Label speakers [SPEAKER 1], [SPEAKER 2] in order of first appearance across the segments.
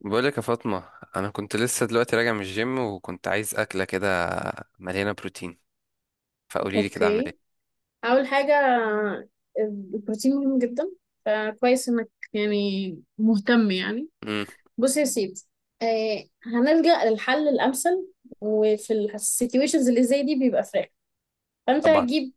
[SPEAKER 1] بقولك يا فاطمة، أنا كنت لسه دلوقتي راجع من الجيم وكنت عايز أكلة كده مليانة بروتين. فقوليلي كده أعمل
[SPEAKER 2] اوكي.
[SPEAKER 1] إيه؟
[SPEAKER 2] اول حاجه، البروتين مهم جدا، فكويس انك يعني مهتم يعني.
[SPEAKER 1] امم
[SPEAKER 2] بص يا سيدي، آه، هنلجأ للحل الامثل، وفي السيتويشنز اللي زي دي بيبقى فراخ. فانت
[SPEAKER 1] طبعا.
[SPEAKER 2] هتجيب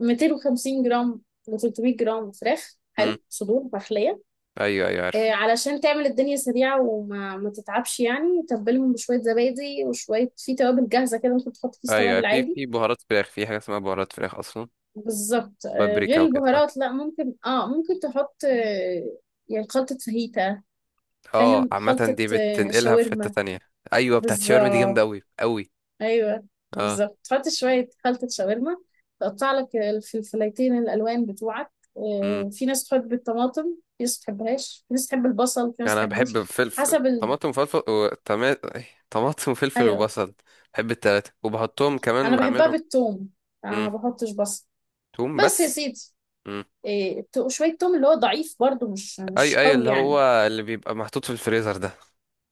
[SPEAKER 2] 250 جرام ل 300 جرام فراخ
[SPEAKER 1] امم
[SPEAKER 2] حلو، صدور فخليه
[SPEAKER 1] أيوه، أيوه،
[SPEAKER 2] آه
[SPEAKER 1] عارف.
[SPEAKER 2] علشان تعمل الدنيا سريعه وما ما تتعبش، يعني تبلهم بشويه زبادي وشويه في توابل جاهزه كده، ممكن تحط كيس
[SPEAKER 1] أيوه، أيوة.
[SPEAKER 2] توابل
[SPEAKER 1] في
[SPEAKER 2] عادي.
[SPEAKER 1] في بهارات فراخ. في حاجة اسمها بهارات فراخ أصلا.
[SPEAKER 2] بالظبط آه،
[SPEAKER 1] وبابريكا
[SPEAKER 2] غير
[SPEAKER 1] وكده، أه.
[SPEAKER 2] البهارات، لا ممكن اه، ممكن تحط آه، يعني خلطة فاهيتا،
[SPEAKER 1] أه،
[SPEAKER 2] فاهم؟
[SPEAKER 1] عامة
[SPEAKER 2] خلطة
[SPEAKER 1] دي
[SPEAKER 2] آه،
[SPEAKER 1] بتنقلها في حتة
[SPEAKER 2] شاورما.
[SPEAKER 1] تانية. أيوه، بتاعت شاورما دي جامدة
[SPEAKER 2] بالظبط.
[SPEAKER 1] أوي أوي.
[SPEAKER 2] ايوه
[SPEAKER 1] أه.
[SPEAKER 2] بالظبط، تحط شوية خلطة شاورما، تقطع لك الفلفلايتين الألوان بتوعك
[SPEAKER 1] امم
[SPEAKER 2] آه، في ناس تحب الطماطم، في ناس تحبهاش، في ناس تحب البصل، في ناس
[SPEAKER 1] أنا بحب
[SPEAKER 2] تحبوش،
[SPEAKER 1] فلفل
[SPEAKER 2] حسب
[SPEAKER 1] طماطم وفلفل و... طما- إيه، طماطم وفلفل
[SPEAKER 2] ايوه،
[SPEAKER 1] وبصل. بحب التلاتة وبحطهم كمان
[SPEAKER 2] انا بحبها
[SPEAKER 1] بعملهم.
[SPEAKER 2] بالثوم، انا ما
[SPEAKER 1] امم
[SPEAKER 2] بحطش بصل.
[SPEAKER 1] توم
[SPEAKER 2] بس يا
[SPEAKER 1] بس.
[SPEAKER 2] سيدي، آه، شوية توم اللي هو ضعيف برضو، مش
[SPEAKER 1] اي، اي،
[SPEAKER 2] قوي
[SPEAKER 1] اللي
[SPEAKER 2] يعني.
[SPEAKER 1] هو اللي بيبقى محطوط في الفريزر ده.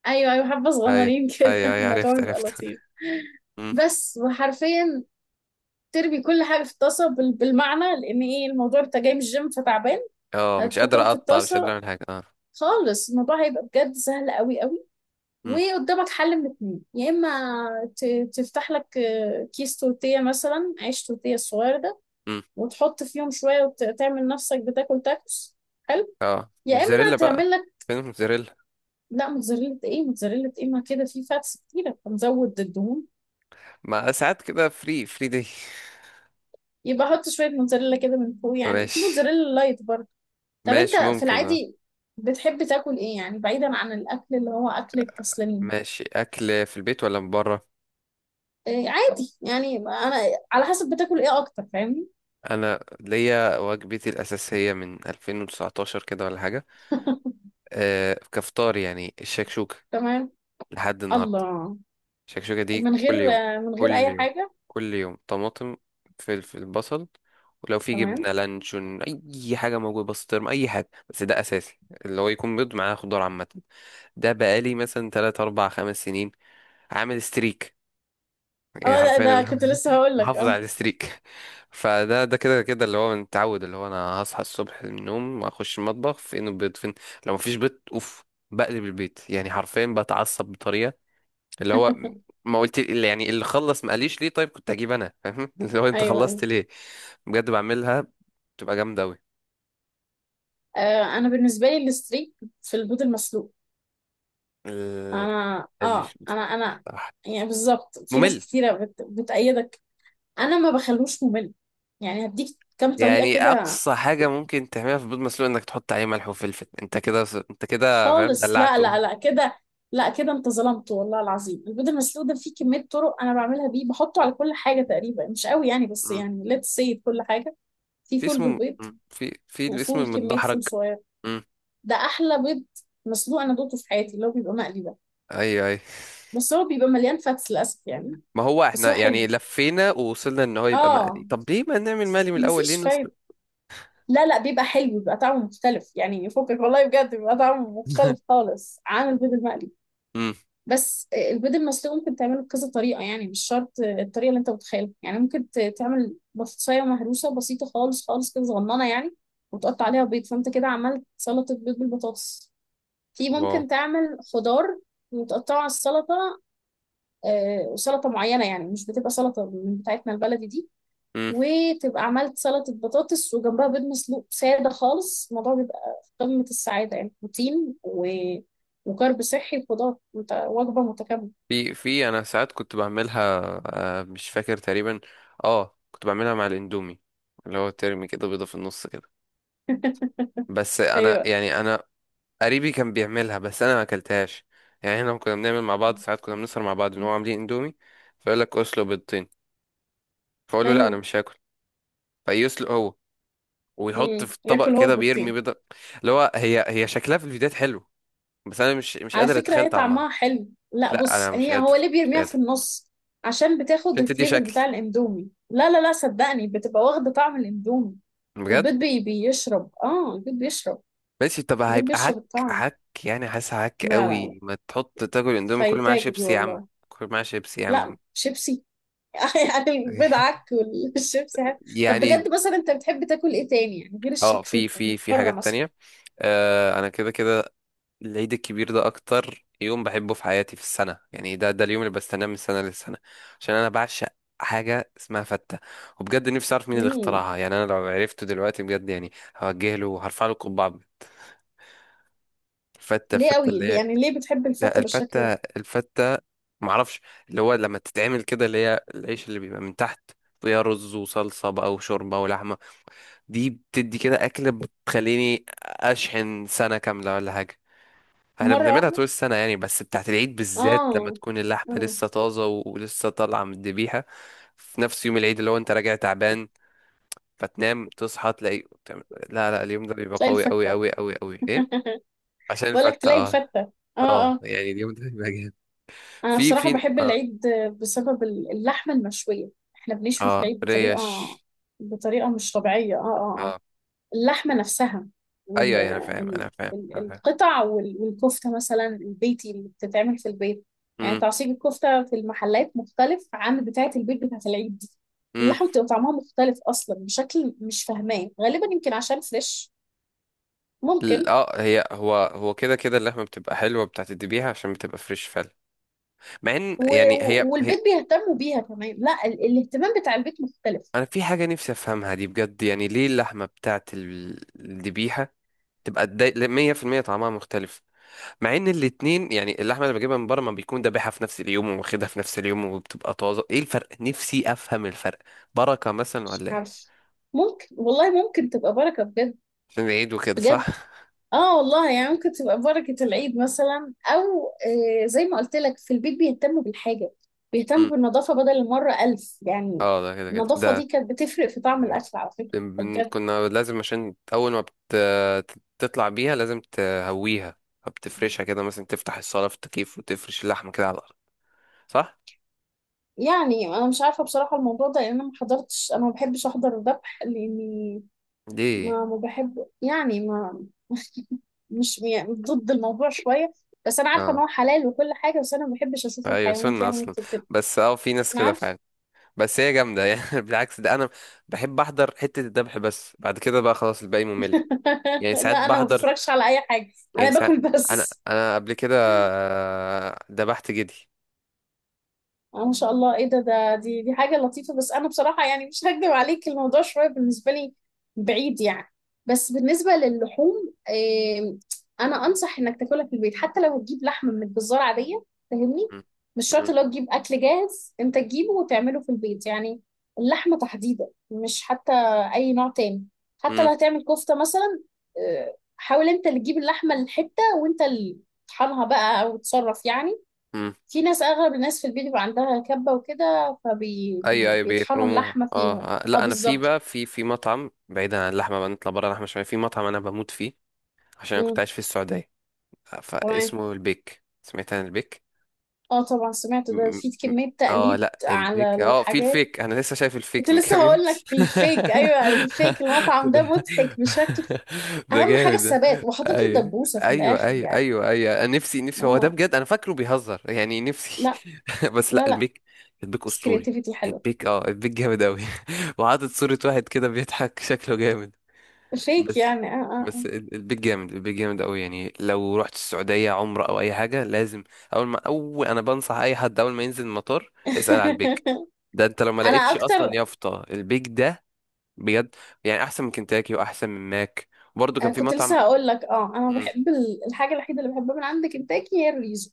[SPEAKER 2] ايوه ايوه، حبه
[SPEAKER 1] اي،
[SPEAKER 2] صغننين كده
[SPEAKER 1] اي، اي،
[SPEAKER 2] الموضوع
[SPEAKER 1] عرفت
[SPEAKER 2] بيبقى
[SPEAKER 1] عرفت.
[SPEAKER 2] لطيف.
[SPEAKER 1] مم.
[SPEAKER 2] بس وحرفيا ترمي كل حاجه في الطاسه بالمعنى، لان ايه، الموضوع انت جاي من الجيم فتعبان.
[SPEAKER 1] اه، مش قادر
[SPEAKER 2] هتحطهم في
[SPEAKER 1] اقطع، مش قادر
[SPEAKER 2] الطاسه
[SPEAKER 1] اعمل حاجه، اه.
[SPEAKER 2] خالص، الموضوع هيبقى بجد سهل قوي قوي.
[SPEAKER 1] مم.
[SPEAKER 2] وقدامك حل من اتنين، يا اما تفتح لك آه، كيس تورتيه مثلا، عيش تورتيه الصغير ده،
[SPEAKER 1] مم.
[SPEAKER 2] وتحط فيهم شويه وتعمل نفسك بتاكل تاكوس، حلو.
[SPEAKER 1] اه،
[SPEAKER 2] يا
[SPEAKER 1] موتزاريلا
[SPEAKER 2] اما
[SPEAKER 1] بقى.
[SPEAKER 2] تعمل لك،
[SPEAKER 1] فين الموتزاريلا؟
[SPEAKER 2] لا موتزاريلا ايه، موتزاريلا ايه، ما كده في فاتس كتيره فنزود الدهون.
[SPEAKER 1] ما ساعات كده فري دي.
[SPEAKER 2] يبقى احط شويه موتزاريلا كده من فوق، يعني في
[SPEAKER 1] ماشي.
[SPEAKER 2] موتزاريلا لايت برضه. طب انت
[SPEAKER 1] ماشي،
[SPEAKER 2] في
[SPEAKER 1] ممكن، اه.
[SPEAKER 2] العادي بتحب تاكل ايه، يعني بعيدا عن الاكل اللي هو اكل الكسلانين؟
[SPEAKER 1] ماشي، اكل في البيت ولا من بره؟
[SPEAKER 2] إيه عادي، يعني انا على حسب بتاكل ايه اكتر، فاهمني؟
[SPEAKER 1] انا ليا وجبتي الاساسيه من 2019 كده ولا حاجه. آه، كفطار يعني الشكشوكه،
[SPEAKER 2] تمام.
[SPEAKER 1] لحد النهارده.
[SPEAKER 2] الله.
[SPEAKER 1] شكشوكة دي
[SPEAKER 2] من غير،
[SPEAKER 1] كل يوم.
[SPEAKER 2] من غير
[SPEAKER 1] كل
[SPEAKER 2] اي
[SPEAKER 1] يوم،
[SPEAKER 2] حاجه؟
[SPEAKER 1] كل يوم طماطم، فلفل، بصل، ولو في
[SPEAKER 2] تمام.
[SPEAKER 1] جبنة لانشون، أي حاجة موجودة، بسطرم، أي حاجة، بس ده أساسي. اللي هو يكون بيض معاه خضار، عامة. ده بقالي مثلا تلات أربع خمس سنين عامل ستريك. يعني
[SPEAKER 2] اه ده،
[SPEAKER 1] حرفيا
[SPEAKER 2] ده
[SPEAKER 1] اللي هو
[SPEAKER 2] كنت لسه هقول لك
[SPEAKER 1] محافظ
[SPEAKER 2] اه.
[SPEAKER 1] على الستريك. فده كده كده اللي هو متعود، اللي هو أنا هصحى الصبح من النوم أخش المطبخ، فين البيض، فين. لو مفيش بيض، أوف، بقلب البيت، يعني حرفيا بتعصب بطريقة. اللي هو ما قلت اللي يعني اللي خلص ما قاليش ليه؟ طيب كنت اجيب انا، فاهم؟ اللي هو انت
[SPEAKER 2] ايوه ايوه.
[SPEAKER 1] خلصت ليه. بجد بعملها، بتبقى جامده قوي.
[SPEAKER 2] آه انا بالنسبه لي الستريك في البيض المسلوق.
[SPEAKER 1] ال-
[SPEAKER 2] انا
[SPEAKER 1] ما
[SPEAKER 2] اه
[SPEAKER 1] بحبش
[SPEAKER 2] انا
[SPEAKER 1] المسلوق
[SPEAKER 2] انا
[SPEAKER 1] بصراحه،
[SPEAKER 2] يعني بالظبط، في
[SPEAKER 1] ممل.
[SPEAKER 2] ناس كتيره بتأيدك. انا ما بخلوش ممل، يعني هديك كام طريقه
[SPEAKER 1] يعني
[SPEAKER 2] كده.
[SPEAKER 1] اقصى حاجه ممكن تعملها في بيض مسلوق انك تحط عليه ملح وفلفل، انت كده، انت كده فاهم
[SPEAKER 2] خالص لا
[SPEAKER 1] دلعته.
[SPEAKER 2] لا لا كده، لا كده انت ظلمت والله العظيم. البيض المسلوق ده فيه كميه طرق انا بعملها بيه، بحطه على كل حاجه تقريبا، مش قوي يعني بس
[SPEAKER 1] مم.
[SPEAKER 2] يعني ليتس سي كل حاجه. في
[SPEAKER 1] في
[SPEAKER 2] فول
[SPEAKER 1] اسمه،
[SPEAKER 2] بالبيض،
[SPEAKER 1] في الاسم
[SPEAKER 2] وفول كميه
[SPEAKER 1] المتدحرج.
[SPEAKER 2] فول صغير،
[SPEAKER 1] مم.
[SPEAKER 2] ده احلى بيض مسلوق انا دوقته في حياتي، اللي هو بيبقى مقلي ده.
[SPEAKER 1] ايوه، ايوه،
[SPEAKER 2] بس هو بيبقى مليان فاتس للاسف يعني.
[SPEAKER 1] ما هو
[SPEAKER 2] بس
[SPEAKER 1] احنا
[SPEAKER 2] هو
[SPEAKER 1] يعني
[SPEAKER 2] حلو
[SPEAKER 1] لفينا ووصلنا ان هو يبقى
[SPEAKER 2] اه،
[SPEAKER 1] مقلي، طب ليه ما نعمل مقلي من الاول، ليه
[SPEAKER 2] مفيش فايده.
[SPEAKER 1] نسلق؟
[SPEAKER 2] لا لا، بيبقى حلو، بيبقى طعمه مختلف يعني، فكك والله بجد، بيبقى طعمه مختلف خالص عن البيض المقلي.
[SPEAKER 1] مم.
[SPEAKER 2] بس البيض المسلوق ممكن تعمله بكذا طريقة، يعني مش شرط الطريقة اللي انت متخيلها. يعني ممكن تعمل بطاطساية مهروسة بسيطة خالص خالص كده، صغننة يعني، وتقطع عليها بيض، فانت كده عملت سلطة بيض بالبطاطس. في
[SPEAKER 1] واو.
[SPEAKER 2] ممكن تعمل خضار وتقطعه على السلطة آه، وسلطة معينة، يعني مش بتبقى سلطة من بتاعتنا البلدي دي،
[SPEAKER 1] مم.
[SPEAKER 2] وتبقى عملت سلطة بطاطس وجنبها بيض مسلوق سادة خالص. الموضوع بيبقى في قمة السعادة، يعني بروتين وكرب صحي وخضار، وانت وجبة متكاملة.
[SPEAKER 1] في انا ساعات كنت بعملها، آه، مش فاكر تقريبا. اه، كنت بعملها مع الاندومي، اللي هو ترمي كده بيضة في النص كده. بس انا
[SPEAKER 2] ايوه
[SPEAKER 1] يعني انا، قريبي كان بيعملها، بس انا ما اكلتهاش. يعني احنا لما كنا بنعمل مع بعض، ساعات كنا بنسهر مع بعض ان هو عاملين اندومي، فيقول لك اسلق بيضتين، فاقول له لا، انا
[SPEAKER 2] ايوه.
[SPEAKER 1] مش هاكل. فيسلق هو، ويحط
[SPEAKER 2] امم،
[SPEAKER 1] في الطبق
[SPEAKER 2] ياكل هو
[SPEAKER 1] كده، بيرمي
[SPEAKER 2] البطين.
[SPEAKER 1] بيضة. اللي هو هي شكلها في الفيديوهات حلو، بس انا مش
[SPEAKER 2] على
[SPEAKER 1] قادر
[SPEAKER 2] فكره
[SPEAKER 1] اتخيل
[SPEAKER 2] هي
[SPEAKER 1] طعمها.
[SPEAKER 2] طعمها حلو، لا
[SPEAKER 1] لا،
[SPEAKER 2] بص،
[SPEAKER 1] انا مش
[SPEAKER 2] هي
[SPEAKER 1] قادر،
[SPEAKER 2] هو ليه
[SPEAKER 1] مش
[SPEAKER 2] بيرميها في
[SPEAKER 1] قادر.
[SPEAKER 2] النص؟ عشان بتاخد
[SPEAKER 1] عشان تدي
[SPEAKER 2] الفليفر
[SPEAKER 1] شكل،
[SPEAKER 2] بتاع الاندومي، لا لا لا صدقني بتبقى واخده طعم الاندومي.
[SPEAKER 1] بجد.
[SPEAKER 2] البيض بيشرب، اه البيض بيشرب،
[SPEAKER 1] ماشي، طب
[SPEAKER 2] البيض
[SPEAKER 1] هيبقى
[SPEAKER 2] بيشرب
[SPEAKER 1] هك.
[SPEAKER 2] الطعم.
[SPEAKER 1] هك يعني حاسس هك
[SPEAKER 2] لا لا لا،
[SPEAKER 1] قوي. ما تحط تاكل اندومي، كل معاه
[SPEAKER 2] فايتاك دي
[SPEAKER 1] شيبسي يا عم.
[SPEAKER 2] والله.
[SPEAKER 1] كل معاه شيبسي يا
[SPEAKER 2] لا
[SPEAKER 1] عم.
[SPEAKER 2] شيبسي. يعني البيض عك والشيبسي عك. طب
[SPEAKER 1] يعني،
[SPEAKER 2] بجد مثلا انت بتحب تاكل ايه تاني، يعني غير
[SPEAKER 1] اه، في
[SPEAKER 2] الشكشوكه من
[SPEAKER 1] في في
[SPEAKER 2] بره
[SPEAKER 1] حاجات
[SPEAKER 2] مثلا؟
[SPEAKER 1] تانية. آه، انا كده كده العيد الكبير ده اكتر يوم بحبه في حياتي في السنة. يعني ده اليوم اللي بستناه من سنة للسنة. عشان انا بعشق حاجة اسمها فتة. وبجد نفسي اعرف مين اللي
[SPEAKER 2] امم.
[SPEAKER 1] اخترعها. يعني انا لو عرفته دلوقتي بجد يعني هوجه له وهرفع له قبعة. فتة،
[SPEAKER 2] ليه
[SPEAKER 1] فتة
[SPEAKER 2] قوي
[SPEAKER 1] اللي
[SPEAKER 2] ليه-
[SPEAKER 1] هي،
[SPEAKER 2] يعني ليه بتحب
[SPEAKER 1] لا
[SPEAKER 2] الفته بالشكل
[SPEAKER 1] الفتة،
[SPEAKER 2] ده؟
[SPEAKER 1] الفتة، معرفش. اللي هو لما تتعمل كده، اللي هي العيش اللي بيبقى من تحت، فيها رز وصلصة بقى وشوربة ولحمة. دي بتدي كده أكلة بتخليني أشحن سنة كاملة ولا حاجة. احنا
[SPEAKER 2] مره.
[SPEAKER 1] بنعملها طول السنة يعني، بس بتاعت العيد بالذات لما
[SPEAKER 2] اه
[SPEAKER 1] تكون اللحمة
[SPEAKER 2] اه،
[SPEAKER 1] لسه طازة ولسه طالعة من الذبيحة في نفس يوم العيد، اللي هو انت راجع تعبان فتنام تصحى تلاقي بتعمل-. لا، لا، اليوم ده بيبقى
[SPEAKER 2] تلاقي
[SPEAKER 1] قوي قوي
[SPEAKER 2] الفتة.
[SPEAKER 1] قوي قوي قوي، ايه؟ عشان
[SPEAKER 2] بقول لك
[SPEAKER 1] الفتة،
[SPEAKER 2] تلاقي
[SPEAKER 1] اه.
[SPEAKER 2] الفتة. اه.
[SPEAKER 1] اه
[SPEAKER 2] اه
[SPEAKER 1] يعني اليوم ده بيبقى جامد.
[SPEAKER 2] انا
[SPEAKER 1] في
[SPEAKER 2] بصراحة
[SPEAKER 1] في
[SPEAKER 2] بحب
[SPEAKER 1] اه،
[SPEAKER 2] العيد بسبب اللحمة المشوية. احنا بنشوي في
[SPEAKER 1] اه
[SPEAKER 2] العيد
[SPEAKER 1] ريش.
[SPEAKER 2] بطريقة، بطريقة مش طبيعية، اه اه آه.
[SPEAKER 1] اه،
[SPEAKER 2] اللحمة نفسها
[SPEAKER 1] ايوه،
[SPEAKER 2] ال...
[SPEAKER 1] ايوه، انا فاهم،
[SPEAKER 2] ال...
[SPEAKER 1] انا فاهم، انا فاهم.
[SPEAKER 2] القطع والكفتة مثلا، البيتي اللي بتتعمل في البيت، يعني
[SPEAKER 1] امم
[SPEAKER 2] تعصيب الكفتة في المحلات مختلف عن بتاعة البيت، بتاعة العيد دي.
[SPEAKER 1] امم
[SPEAKER 2] اللحمة بتبقى طعمها مختلف أصلا، بشكل مش فاهماه، غالبا يمكن عشان فريش، ممكن.
[SPEAKER 1] هي هو كده كده اللحمه بتبقى حلوه، بتعتدي بيها عشان بتبقى فريش فعلا. مع ان يعني هي هي
[SPEAKER 2] والبيت بيهتموا بيها كمان، لا الاهتمام بتاع البيت مختلف.
[SPEAKER 1] انا في حاجه نفسي افهمها دي بجد، يعني ليه اللحمه بتاعت الذبيحه تبقى 100% طعمها مختلف، مع ان الاتنين، يعني اللحمه اللي بجيبها من بره ما بيكون ذابحها في نفس اليوم وواخدها في نفس اليوم وبتبقى طازه. ايه الفرق، نفسي افهم الفرق. بركه مثلا
[SPEAKER 2] مش
[SPEAKER 1] ولا ايه؟
[SPEAKER 2] عارف، ممكن والله، ممكن تبقى بركة بجد.
[SPEAKER 1] عشان العيد وكده،
[SPEAKER 2] بجد
[SPEAKER 1] صح؟
[SPEAKER 2] اه والله، يعني ممكن تبقى بركة العيد مثلا، او آه، زي ما قلت لك في البيت بيهتموا بالحاجة، بيهتموا
[SPEAKER 1] امم
[SPEAKER 2] بالنظافة بدل المرة ألف يعني.
[SPEAKER 1] اه، ده كده كده
[SPEAKER 2] النظافة دي
[SPEAKER 1] ده.
[SPEAKER 2] كانت بتفرق في طعم الأكل على فكرة. بجد
[SPEAKER 1] كنا لازم، عشان أول ما تطلع بيها لازم تهويها، بتفرشها كده مثلا، تفتح الصالة في التكييف وتفرش اللحمة كده على الأرض، صح؟
[SPEAKER 2] يعني أنا مش عارفة بصراحة الموضوع ده، لأن أنا ما حضرتش، أنا ما بحبش أحضر الذبح، لأني
[SPEAKER 1] دي،
[SPEAKER 2] ما بحب، يعني ما مش يعني ضد الموضوع شوية، بس أنا عارفة إن
[SPEAKER 1] اه،
[SPEAKER 2] هو حلال وكل حاجة، بس أنا ما بحبش أشوف
[SPEAKER 1] أيوة،
[SPEAKER 2] الحيوانات
[SPEAKER 1] سنة
[SPEAKER 2] يعني
[SPEAKER 1] أصلا.
[SPEAKER 2] بتتذبح.
[SPEAKER 1] بس اه، في ناس
[SPEAKER 2] أنا
[SPEAKER 1] كده
[SPEAKER 2] عارفة.
[SPEAKER 1] فعلا. بس هي جامدة يعني. بالعكس، ده أنا بحب أحضر حتة الذبح، بس بعد كده بقى خلاص، الباقي ممل. يعني
[SPEAKER 2] لا
[SPEAKER 1] ساعات
[SPEAKER 2] أنا ما
[SPEAKER 1] بحضر،
[SPEAKER 2] بتفرجش على أي حاجة، أنا
[SPEAKER 1] يعني ساعات.
[SPEAKER 2] باكل
[SPEAKER 1] أنا
[SPEAKER 2] بس.
[SPEAKER 1] أنا قبل كده، ذبحت جدي.
[SPEAKER 2] اه ما شاء الله، ايه ده، ده دي دي حاجة لطيفة. بس انا بصراحة يعني مش هكدب عليك، الموضوع شوية بالنسبة لي بعيد يعني. بس بالنسبة للحوم، إيه، انا انصح انك تاكلها في البيت، حتى لو هتجيب لحمة من الجزار عادية. فاهمني؟
[SPEAKER 1] م-
[SPEAKER 2] مش شرط
[SPEAKER 1] م-
[SPEAKER 2] لو تجيب اكل جاهز، انت تجيبه وتعمله في البيت يعني. اللحمة تحديدا، مش حتى اي نوع تاني، حتى لو
[SPEAKER 1] م-
[SPEAKER 2] هتعمل كفتة مثلا. إيه، حاول انت اللي تجيب اللحمة الحتة، وانت اللي تطحنها بقى او تصرف يعني.
[SPEAKER 1] م.
[SPEAKER 2] في ناس، اغلب الناس في البيت بيبقى عندها كبة وكده،
[SPEAKER 1] ايوه، ايوه،
[SPEAKER 2] فبيطحنوا
[SPEAKER 1] بيفرموها،
[SPEAKER 2] اللحمة
[SPEAKER 1] اه،
[SPEAKER 2] فيها. اه
[SPEAKER 1] لا، انا في
[SPEAKER 2] بالظبط.
[SPEAKER 1] بقى في مطعم، بعيدا عن اللحمه بقى نطلع بره اللحمه شويه، في مطعم انا بموت فيه. عشان انا كنت
[SPEAKER 2] امم
[SPEAKER 1] عايش في السعوديه، آه،
[SPEAKER 2] تمام.
[SPEAKER 1] فاسمه البيك. سمعت عن البيك؟
[SPEAKER 2] اه طبعا سمعت ده،
[SPEAKER 1] م-
[SPEAKER 2] في
[SPEAKER 1] م-
[SPEAKER 2] كمية
[SPEAKER 1] اه،
[SPEAKER 2] تقليد
[SPEAKER 1] لا
[SPEAKER 2] على
[SPEAKER 1] البيك، اه في
[SPEAKER 2] الحاجات.
[SPEAKER 1] الفيك، انا لسه شايف
[SPEAKER 2] كنت
[SPEAKER 1] الفيك من
[SPEAKER 2] لسه
[SPEAKER 1] كام يوم.
[SPEAKER 2] هقول لك الفيك، ايوه الفيك. المطعم
[SPEAKER 1] ده
[SPEAKER 2] ده مضحك بشكل،
[SPEAKER 1] ده
[SPEAKER 2] اهم حاجة
[SPEAKER 1] جامد ده.
[SPEAKER 2] الثبات، وحاطط له
[SPEAKER 1] ايوه،
[SPEAKER 2] دبوسة في
[SPEAKER 1] ايوه،
[SPEAKER 2] الاخر
[SPEAKER 1] ايوه،
[SPEAKER 2] يعني.
[SPEAKER 1] ايوه، ايوه، انا نفسي، نفسي هو ده.
[SPEAKER 2] هو
[SPEAKER 1] بجد انا فاكره بيهزر يعني، نفسي.
[SPEAKER 2] لا
[SPEAKER 1] بس لا،
[SPEAKER 2] لا لا.
[SPEAKER 1] البيك، البيك
[SPEAKER 2] بس
[SPEAKER 1] اسطوري.
[SPEAKER 2] كرياتيفيتي حلوة.
[SPEAKER 1] البيك، اه، البيك جامد قوي، وعاطط صورة واحد كده بيضحك، شكله جامد.
[SPEAKER 2] الفيك
[SPEAKER 1] بس،
[SPEAKER 2] يعني اه اه آه.
[SPEAKER 1] بس البيت جامد، البيت جامد قوي. يعني لو رحت السعودية عمرة او اي حاجة، لازم اول ما اول انا بنصح اي حد، اول ما ينزل المطار اسأل على البيك. ده انت لو ما
[SPEAKER 2] انا
[SPEAKER 1] لقيتش اصلا
[SPEAKER 2] اكتر.
[SPEAKER 1] يافطة البيك ده، بجد. يعني احسن من كنتاكي واحسن من ماك. برضو كان في
[SPEAKER 2] كنت
[SPEAKER 1] مطعم.
[SPEAKER 2] لسه هقول لك اه، انا
[SPEAKER 1] مم.
[SPEAKER 2] بحب الحاجة الوحيدة اللي بحبها من عند كنتاكي هي الريزو.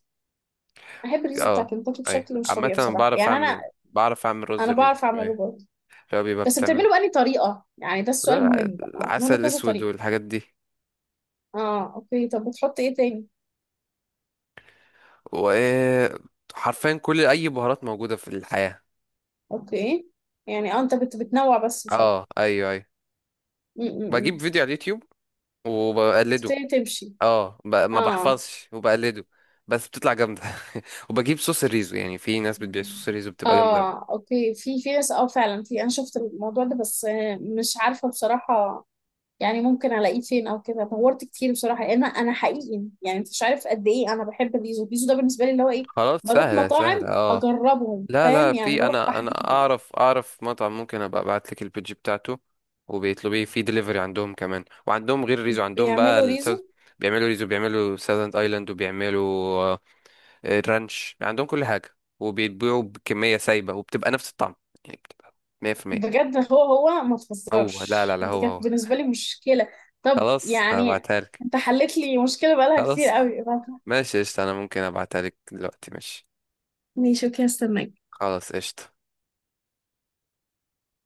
[SPEAKER 2] بحب الريزو بتاع
[SPEAKER 1] اه،
[SPEAKER 2] كنتاكي
[SPEAKER 1] اي،
[SPEAKER 2] بشكل مش
[SPEAKER 1] عامة
[SPEAKER 2] طبيعي
[SPEAKER 1] أنا
[SPEAKER 2] بصراحة،
[SPEAKER 1] بعرف
[SPEAKER 2] يعني أنا،
[SPEAKER 1] اعمل بعرف اعمل رز
[SPEAKER 2] أنا
[SPEAKER 1] الريزو
[SPEAKER 2] بعرف أعمله
[SPEAKER 1] شوية.
[SPEAKER 2] برضه،
[SPEAKER 1] اللي هو بيبقى
[SPEAKER 2] بس
[SPEAKER 1] بتعمل،
[SPEAKER 2] بتعمله بأني طريقة يعني؟ ده السؤال
[SPEAKER 1] لا،
[SPEAKER 2] المهم بقى،
[SPEAKER 1] العسل
[SPEAKER 2] منه كذا
[SPEAKER 1] الاسود
[SPEAKER 2] طريقة.
[SPEAKER 1] والحاجات دي،
[SPEAKER 2] اه اوكي، طب بتحط ايه تاني؟
[SPEAKER 1] وحرفيا كل اي بهارات موجودة في الحياة.
[SPEAKER 2] اوكي. يعني اه انت بتنوع بس مش اكتر.
[SPEAKER 1] اه، ايوه، ايوه،
[SPEAKER 2] م- م-
[SPEAKER 1] بجيب
[SPEAKER 2] م.
[SPEAKER 1] فيديو على اليوتيوب وبقلده.
[SPEAKER 2] تبتدي تمشي؟
[SPEAKER 1] اه، ما
[SPEAKER 2] اه
[SPEAKER 1] بحفظش وبقلده، بس بتطلع جامدة. وبجيب صوص الريزو، يعني في ناس بتبيع صوص الريزو بتبقى جامدة أوي.
[SPEAKER 2] اه. اوكي. في في ناس اه فعلا، في انا شفت الموضوع ده بس آه، مش عارفة بصراحة يعني ممكن الاقيه فين او كده. دورت كتير بصراحه، لان انا حقيقي يعني انت مش عارف قد ايه انا بحب البيزو، البيزو ده بالنسبه لي اللي هو ايه.
[SPEAKER 1] خلاص،
[SPEAKER 2] بروح
[SPEAKER 1] سهلة سهلة،
[SPEAKER 2] مطاعم
[SPEAKER 1] اه.
[SPEAKER 2] اجربهم،
[SPEAKER 1] لا، لا،
[SPEAKER 2] فاهم يعني؟
[SPEAKER 1] في،
[SPEAKER 2] بروح
[SPEAKER 1] انا
[SPEAKER 2] تحديدا
[SPEAKER 1] اعرف مطعم، ممكن ابقى ابعت لك البيج بتاعته، وبيطلبيه في دليفري عندهم كمان، وعندهم غير الريزو، عندهم بقى
[SPEAKER 2] بيعملوا
[SPEAKER 1] الساوث.
[SPEAKER 2] ريزو.
[SPEAKER 1] بيعملوا ريزو، بيعملوا ساذرن ايلاند، وبيعملوا آه، رانش. عندهم كل حاجة، وبيتبيعوا بكمية سايبة وبتبقى نفس الطعم، يعني بتبقى 100%.
[SPEAKER 2] بجد هو هو ما
[SPEAKER 1] هو، لا،
[SPEAKER 2] تهزرش،
[SPEAKER 1] لا، لا،
[SPEAKER 2] دي
[SPEAKER 1] هو
[SPEAKER 2] كانت
[SPEAKER 1] هو
[SPEAKER 2] بالنسبه لي مشكله. طب
[SPEAKER 1] خلاص
[SPEAKER 2] يعني
[SPEAKER 1] هبعتها لك،
[SPEAKER 2] انت حلت لي مشكله بقالها كتير
[SPEAKER 1] خلاص.
[SPEAKER 2] قوي.
[SPEAKER 1] ماشي قشطة، انا ممكن ابعتها لك دلوقتي، ماشي.
[SPEAKER 2] ماشي اوكي، هستناك.
[SPEAKER 1] خلاص، قشطة.